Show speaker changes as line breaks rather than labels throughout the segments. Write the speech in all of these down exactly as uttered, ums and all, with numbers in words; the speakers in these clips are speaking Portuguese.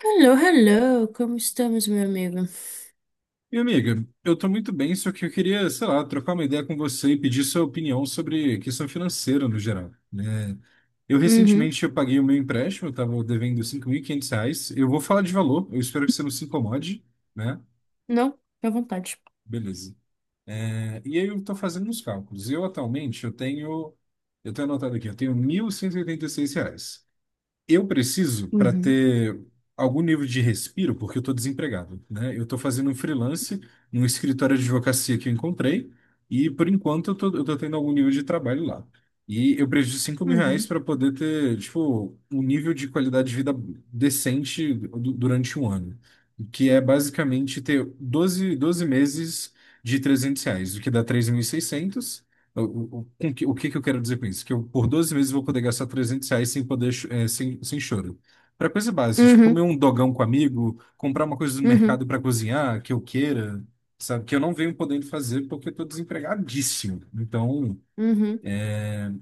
Hello, hello, como estamos, meu amigo?
E amiga, eu tô muito bem, só que eu queria, sei lá, trocar uma ideia com você e pedir sua opinião sobre questão financeira no geral, né? Eu
Uhum,
recentemente eu paguei o meu empréstimo, eu tava devendo cinco mil e quinhentos reais. Eu vou falar de valor, eu espero que você não se incomode, né?
não, fica à vontade.
Beleza. É, e aí eu tô fazendo uns cálculos. Eu atualmente eu tenho, eu tenho anotado aqui, eu tenho mil cento e e oitenta e seis reais. Eu preciso para
Uhum,
ter algum nível de respiro, porque eu estou desempregado, né? Eu estou fazendo um freelance num escritório de advocacia que eu encontrei e, por enquanto, eu estou eu tô tendo algum nível de trabalho lá. E eu preciso de cinco mil reais mil reais
uhum,
para poder ter, tipo, um nível de qualidade de vida decente du- durante um ano, que é basicamente ter doze doze meses de trezentos reais, o que dá três mil e seiscentos. O, o, o com que o que que eu quero dizer com isso? Que eu, por doze meses, vou poder gastar trezentos reais sem poder, cho- eh, sem, sem choro. Para coisa básica, tipo, comer
uhum,
um dogão com amigo, comprar uma coisa no mercado
uhum,
para cozinhar, que eu queira, sabe? Que eu não venho podendo fazer porque eu tô desempregadíssimo. Então,
uhum,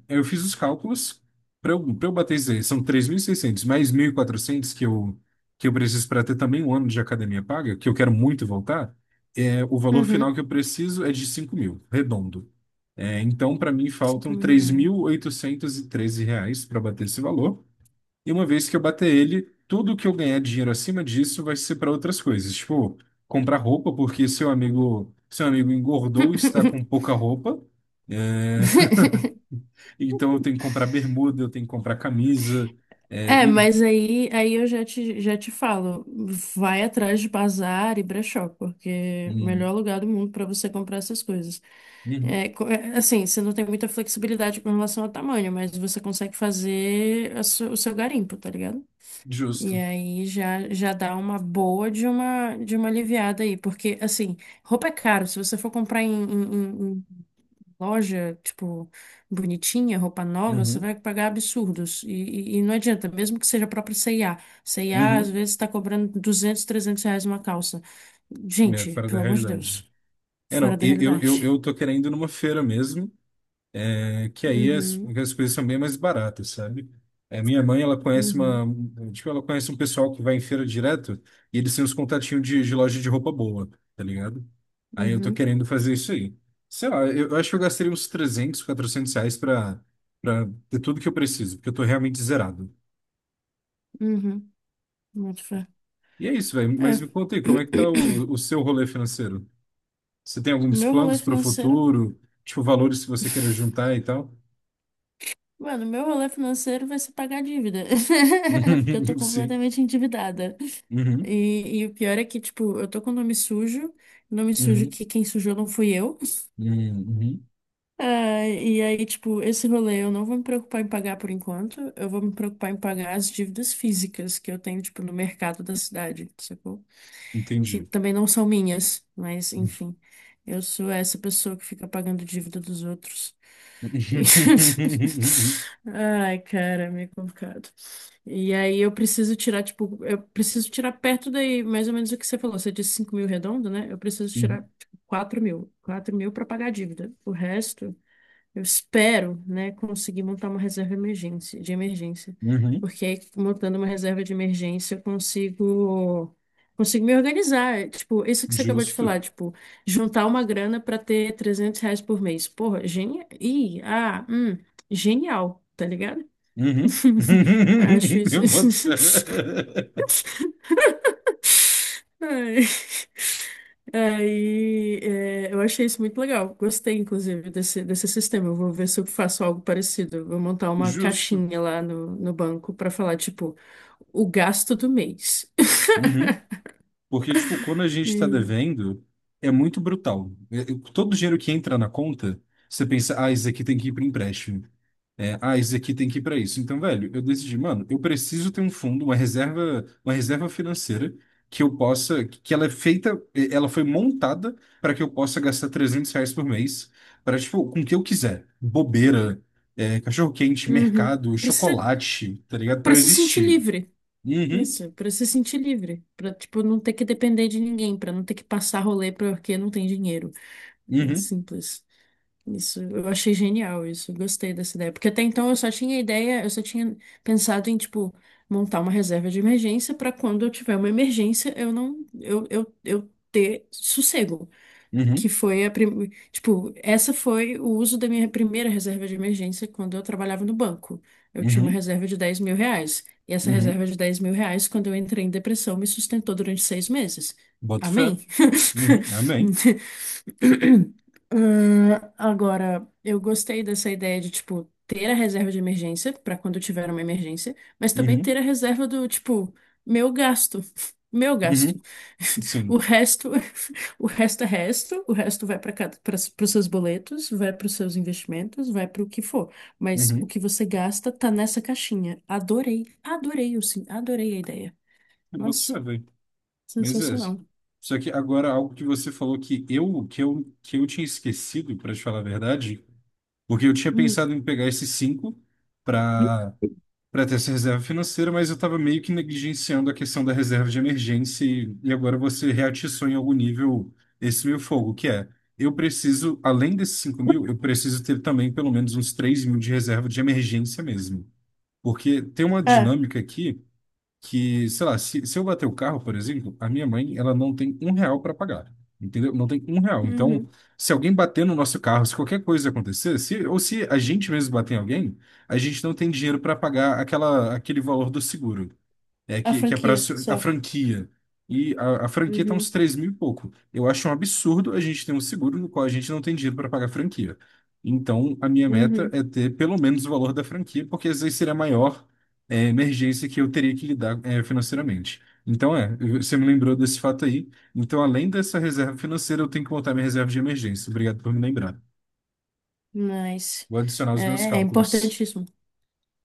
eu fiz os cálculos para eu, para eu bater isso aí. São três mil e seiscentos mais mil e quatrocentos que eu, que eu preciso para ter também um ano de academia paga, que eu quero muito voltar. É, o valor final
uhum.
que eu preciso é de 5 mil, redondo. É, então, para mim,
Cinco
faltam
mil
três
reais.
mil oitocentos e treze reais para bater esse valor. E uma vez que eu bater ele, tudo que eu ganhar dinheiro acima disso vai ser para outras coisas. Tipo, comprar roupa, porque seu amigo, seu amigo engordou e está com pouca roupa. É, então, eu tenho que comprar bermuda, eu tenho que comprar camisa. É,
É,
e,
mas aí, aí eu já te, já te falo, vai atrás de bazar e brechó, porque é o
hum,
melhor lugar do mundo para você comprar essas coisas.
uhum,
É, co- é, assim, você não tem muita flexibilidade com relação ao tamanho, mas você consegue fazer a su- o seu garimpo, tá ligado? E
justo.
aí já, já dá uma boa de uma, de uma aliviada aí, porque assim, roupa é caro. Se você for comprar em, em- em- em loja, tipo, bonitinha, roupa nova, você
Uhum,
vai pagar absurdos. E, e- e não adianta, mesmo que seja a própria C e A. C e A às
uhum.
vezes está cobrando duzentos trezentos reais uma calça.
É,
Gente,
fora da
pelo amor de Deus,
realidade. É,
fora
não,
da
eu, eu, eu
realidade.
eu tô querendo ir numa feira mesmo. É que aí as,
Uhum,
as coisas são bem mais baratas, sabe? É, minha mãe, ela conhece
uhum,
uma, tipo, ela conhece um pessoal que vai em feira direto e eles têm uns contatinhos de, de loja de roupa boa, tá ligado? Aí eu tô
uhum,
querendo fazer isso aí. Sei lá, eu, eu acho que eu gastaria uns trezentos quatrocentos reais pra, pra ter tudo que eu preciso, porque eu tô realmente zerado.
uhum. Muito fé.
E é isso, velho.
É.
Mas me conta aí, como é que tá o, o seu rolê financeiro? Você tem alguns
Meu rolê
planos pro
financeiro.
futuro? Tipo, valores que você queira juntar e tal?
Mano, meu rolê financeiro vai ser pagar dívida. Porque eu tô
Sim.
completamente endividada.
Uhum.
E, e o pior é que, tipo, eu tô com o nome sujo. Nome sujo
Uhum.
que quem sujou não fui eu.
Hum, uhum.
Ah, e aí, tipo, esse rolê eu não vou me preocupar em pagar por enquanto. Eu vou me preocupar em pagar as dívidas físicas que eu tenho, tipo, no mercado da cidade, sacou? Que
Entendi.
também não são minhas, mas enfim. Eu sou essa pessoa que fica pagando dívida dos outros. Ai, cara, é meio complicado. E aí eu preciso tirar, tipo, eu preciso tirar perto daí, mais ou menos o que você falou. Você disse cinco mil redondo, né? Eu preciso
Uhum.
tirar, tipo, 4 mil. Quatro mil pra pagar a dívida. O resto. Eu espero, né, conseguir montar uma reserva emergência, de emergência,
Uhum.
porque aí, montando uma reserva de emergência eu consigo consigo me organizar. É, tipo, isso que você acabou de
Justo.
falar, tipo, juntar uma grana para ter trezentos reais por mês. Porra, genial. Ih, ah, hum, genial, tá ligado?
Uhum.
Acho isso.
Eu boto fé.
Ai. Aí, é, eu achei isso muito legal. Gostei, inclusive, desse, desse sistema. Eu vou ver se eu faço algo parecido. Eu vou montar uma
Justo.
caixinha lá no, no banco para falar, tipo, o gasto do mês.
Uhum. Porque, tipo, quando a gente está
E,
devendo, é muito brutal. É- é- Todo dinheiro que entra na conta, você pensa, ah, isso aqui tem que ir para empréstimo. É, ah, esse aqui tem que ir para isso. Então, velho, eu decidi, mano, eu preciso ter um fundo, uma reserva, uma reserva financeira que eu possa, que ela é feita, ela foi montada para que eu possa gastar trezentos reais por mês para, tipo, com o que eu quiser. Bobeira, é, cachorro-quente,
uhum.
mercado,
Para se,
chocolate, tá ligado? Para
para
eu
se sentir
existir.
livre.
Uhum,
Isso, para se sentir livre. Para, tipo, não ter que depender de ninguém, para não ter que passar rolê porque não tem dinheiro. É
uhum,
simples. Isso, eu achei genial isso, eu gostei dessa ideia. Porque até então eu só tinha ideia, eu só tinha pensado em, tipo, montar uma reserva de emergência para quando eu tiver uma emergência, eu não, eu, eu, eu ter sossego. Que
uhum,
foi a, prim... tipo, essa foi o uso da minha primeira reserva de emergência quando eu trabalhava no banco. Eu tinha uma
uhum,
reserva de dez mil reais. E essa
uhum.
reserva de dez mil reais, quando eu entrei em depressão, me sustentou durante seis meses.
Boto fé.
Amém?
Uhum, amém.
Ah, agora, eu gostei dessa ideia de, tipo, ter a reserva de emergência para quando tiver uma emergência, mas também
Uhum,
ter a reserva do, tipo, meu gasto. Meu gasto.
uhum,
O
sim.
resto, o resto é resto, o resto vai para cada, para os seus boletos, vai para os seus investimentos, vai para o que for. Mas o
Uhum.
que você gasta tá nessa caixinha. Adorei, adorei, eu sim, adorei a ideia.
Eu boto
Nossa,
fé, velho. Mas é isso.
sensacional.
Só que agora algo que você falou que eu que eu, que eu tinha esquecido, para te falar a verdade, porque eu tinha
Hum.
pensado em pegar esses cinco para para ter essa reserva financeira, mas eu estava meio que negligenciando a questão da reserva de emergência e, e agora você reatiçou em algum nível esse meu fogo, que é eu preciso, além desses cinco mil, eu preciso ter também pelo menos uns três mil de reserva de emergência mesmo. Porque tem uma
É,
dinâmica aqui que, sei lá, se, se eu bater o carro, por exemplo, a minha mãe, ela não tem um real para pagar, entendeu? Não tem um real. Então,
uhum.
se alguém bater no nosso carro, se qualquer coisa acontecer, se, ou se a gente mesmo bater em alguém, a gente não tem dinheiro para pagar aquela, aquele valor do seguro. É,
A
que, que é para
franquia,
a
só.
franquia. E a, a franquia tá uns
Uhum,
três mil e pouco. Eu acho um absurdo a gente ter um seguro no qual a gente não tem dinheiro para pagar a franquia. Então, a minha meta
uhum.
é ter pelo menos o valor da franquia, porque às vezes seria a maior, é, emergência que eu teria que lidar, é, financeiramente. Então, é, eu- você me lembrou desse fato aí. Então, além dessa reserva financeira, eu tenho que montar minha reserva de emergência. Obrigado por me lembrar.
Mas
Vou adicionar os meus
é, é
cálculos.
importantíssimo.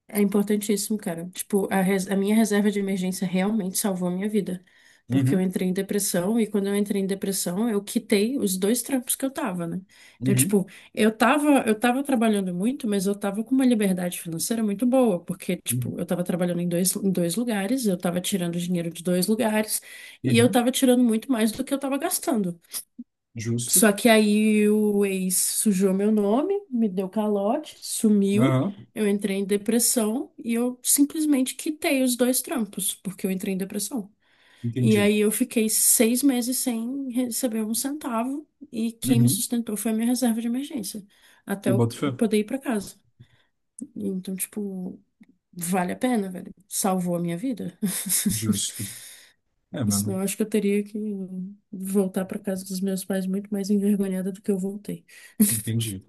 É importantíssimo, cara. Tipo, a, res- a minha reserva de emergência realmente salvou a minha vida. Porque eu
Uhum,
entrei em depressão e quando eu entrei em depressão, eu quitei os dois trampos que eu tava, né? Então,
uhum,
tipo, eu tava, eu tava trabalhando muito, mas eu tava com uma liberdade financeira muito boa, porque, tipo, eu
uhum,
tava trabalhando em dois, em dois lugares, eu tava tirando dinheiro de dois lugares e eu
uhum.
tava tirando muito mais do que eu tava gastando.
Justo.
Só que aí o ex sujou meu nome, me deu calote, sumiu.
Aham,
Eu entrei em depressão e eu simplesmente quitei os dois trampos, porque eu entrei em depressão. E
entendi.
aí eu fiquei seis meses sem receber um centavo e quem me
Uhum.
sustentou foi a minha reserva de emergência, até
Eu
eu
boto fé.
eu poder ir para casa. Então, tipo, vale a pena, velho. Salvou a minha vida.
Justo. É,
Senão
mano.
eu acho que eu teria que voltar para casa dos meus pais muito mais envergonhada do que eu voltei.
Entendi.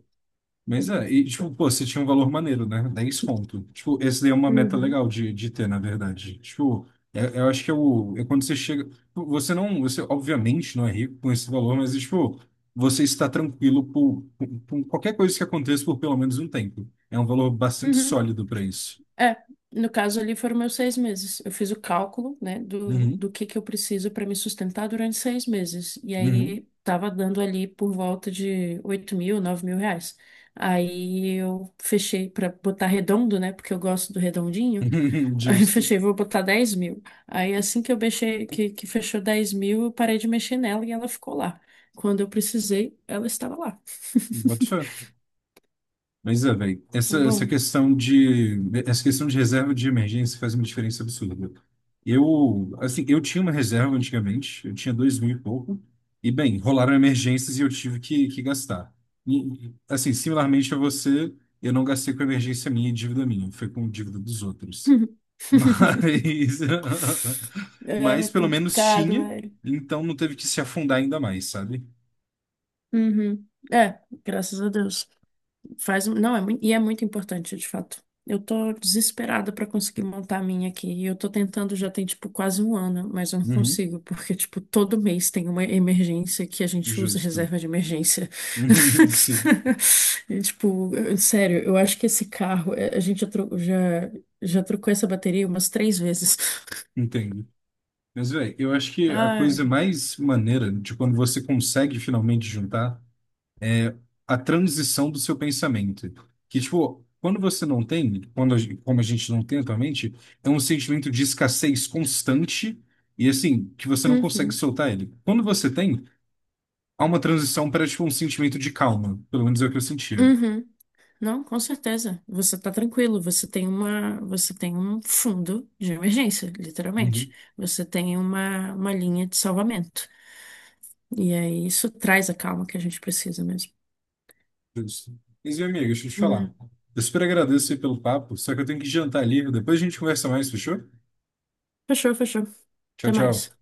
Mas é, e tipo, pô, você tinha um valor maneiro, né? Dez conto. Tipo, esse daí é uma meta
Uhum.
legal de, de ter, na verdade. Tipo, é- eu acho que é o. É quando você chega. Você não. Você, obviamente, não é rico com esse valor, mas, tipo, você está tranquilo por, por, por qualquer coisa que aconteça por pelo menos um tempo. É um valor bastante
Uhum.
sólido para isso.
É, no caso ali foram meus seis meses. Eu fiz o cálculo, né, do,
Uhum.
do que que eu preciso para me sustentar durante seis meses. E
Uhum.
aí tava dando ali por volta de oito mil, nove mil reais. Aí eu fechei para botar redondo, né, porque eu gosto do redondinho. Aí eu
Justo.
fechei, vou botar dez mil. Aí assim que eu mexei, que, que fechou dez mil, eu parei de mexer nela e ela ficou lá. Quando eu precisei, ela estava lá.
Boto fé. Mas é, velho, essa,
Foi
essa
bom.
questão de essa questão de reserva de emergência faz uma diferença absurda. Eu, assim, eu tinha uma reserva antigamente, eu tinha dois mil e pouco, e bem, rolaram emergências e eu tive que, que gastar. E, assim, similarmente a você, eu não gastei com emergência minha e dívida minha, foi com dívida dos outros. Mas,
É
mas pelo menos
complicado,
tinha,
velho.
então não teve que se afundar ainda mais, sabe?
Uhum. É, graças a Deus. Faz, um- não, é muito, e é muito importante, de fato. Eu tô desesperada pra conseguir montar a minha aqui. E eu tô tentando já tem, tipo, quase um ano, mas eu não
Uhum,
consigo, porque, tipo, todo mês tem uma emergência que a gente usa
justo.
reserva de emergência.
Sim,
E, tipo, eu- sério, eu acho que esse carro, é, a gente já, tro- já, já trocou essa bateria umas três vezes.
entendo. Mas, velho, eu acho que a
Ai.
coisa mais maneira de quando você consegue finalmente juntar a transição do seu pensamento. Que, tipo, quando você não tem, quando a gen- como a gente não tem atualmente, é um sentimento de escassez constante e, assim, que você não consegue
Uhum.
soltar ele. Quando você tem, há uma transição para, tipo, um sentimento de calma. Pelo menos é o que eu sentia.
Uhum. Não, com certeza. Você está tranquilo. Você tem uma, você tem um fundo de emergência, literalmente.
Uhum.
Você tem uma, uma linha de salvamento. E aí isso traz a calma que a gente precisa mesmo.
Justo. Mas, meu amigo, deixa eu te falar.
Uhum.
Eu super agradeço aí pelo papo, só que eu tenho que jantar ali. Depois a gente conversa mais, fechou?
Fechou, fechou.
Tchau,
Até mais.
tchau.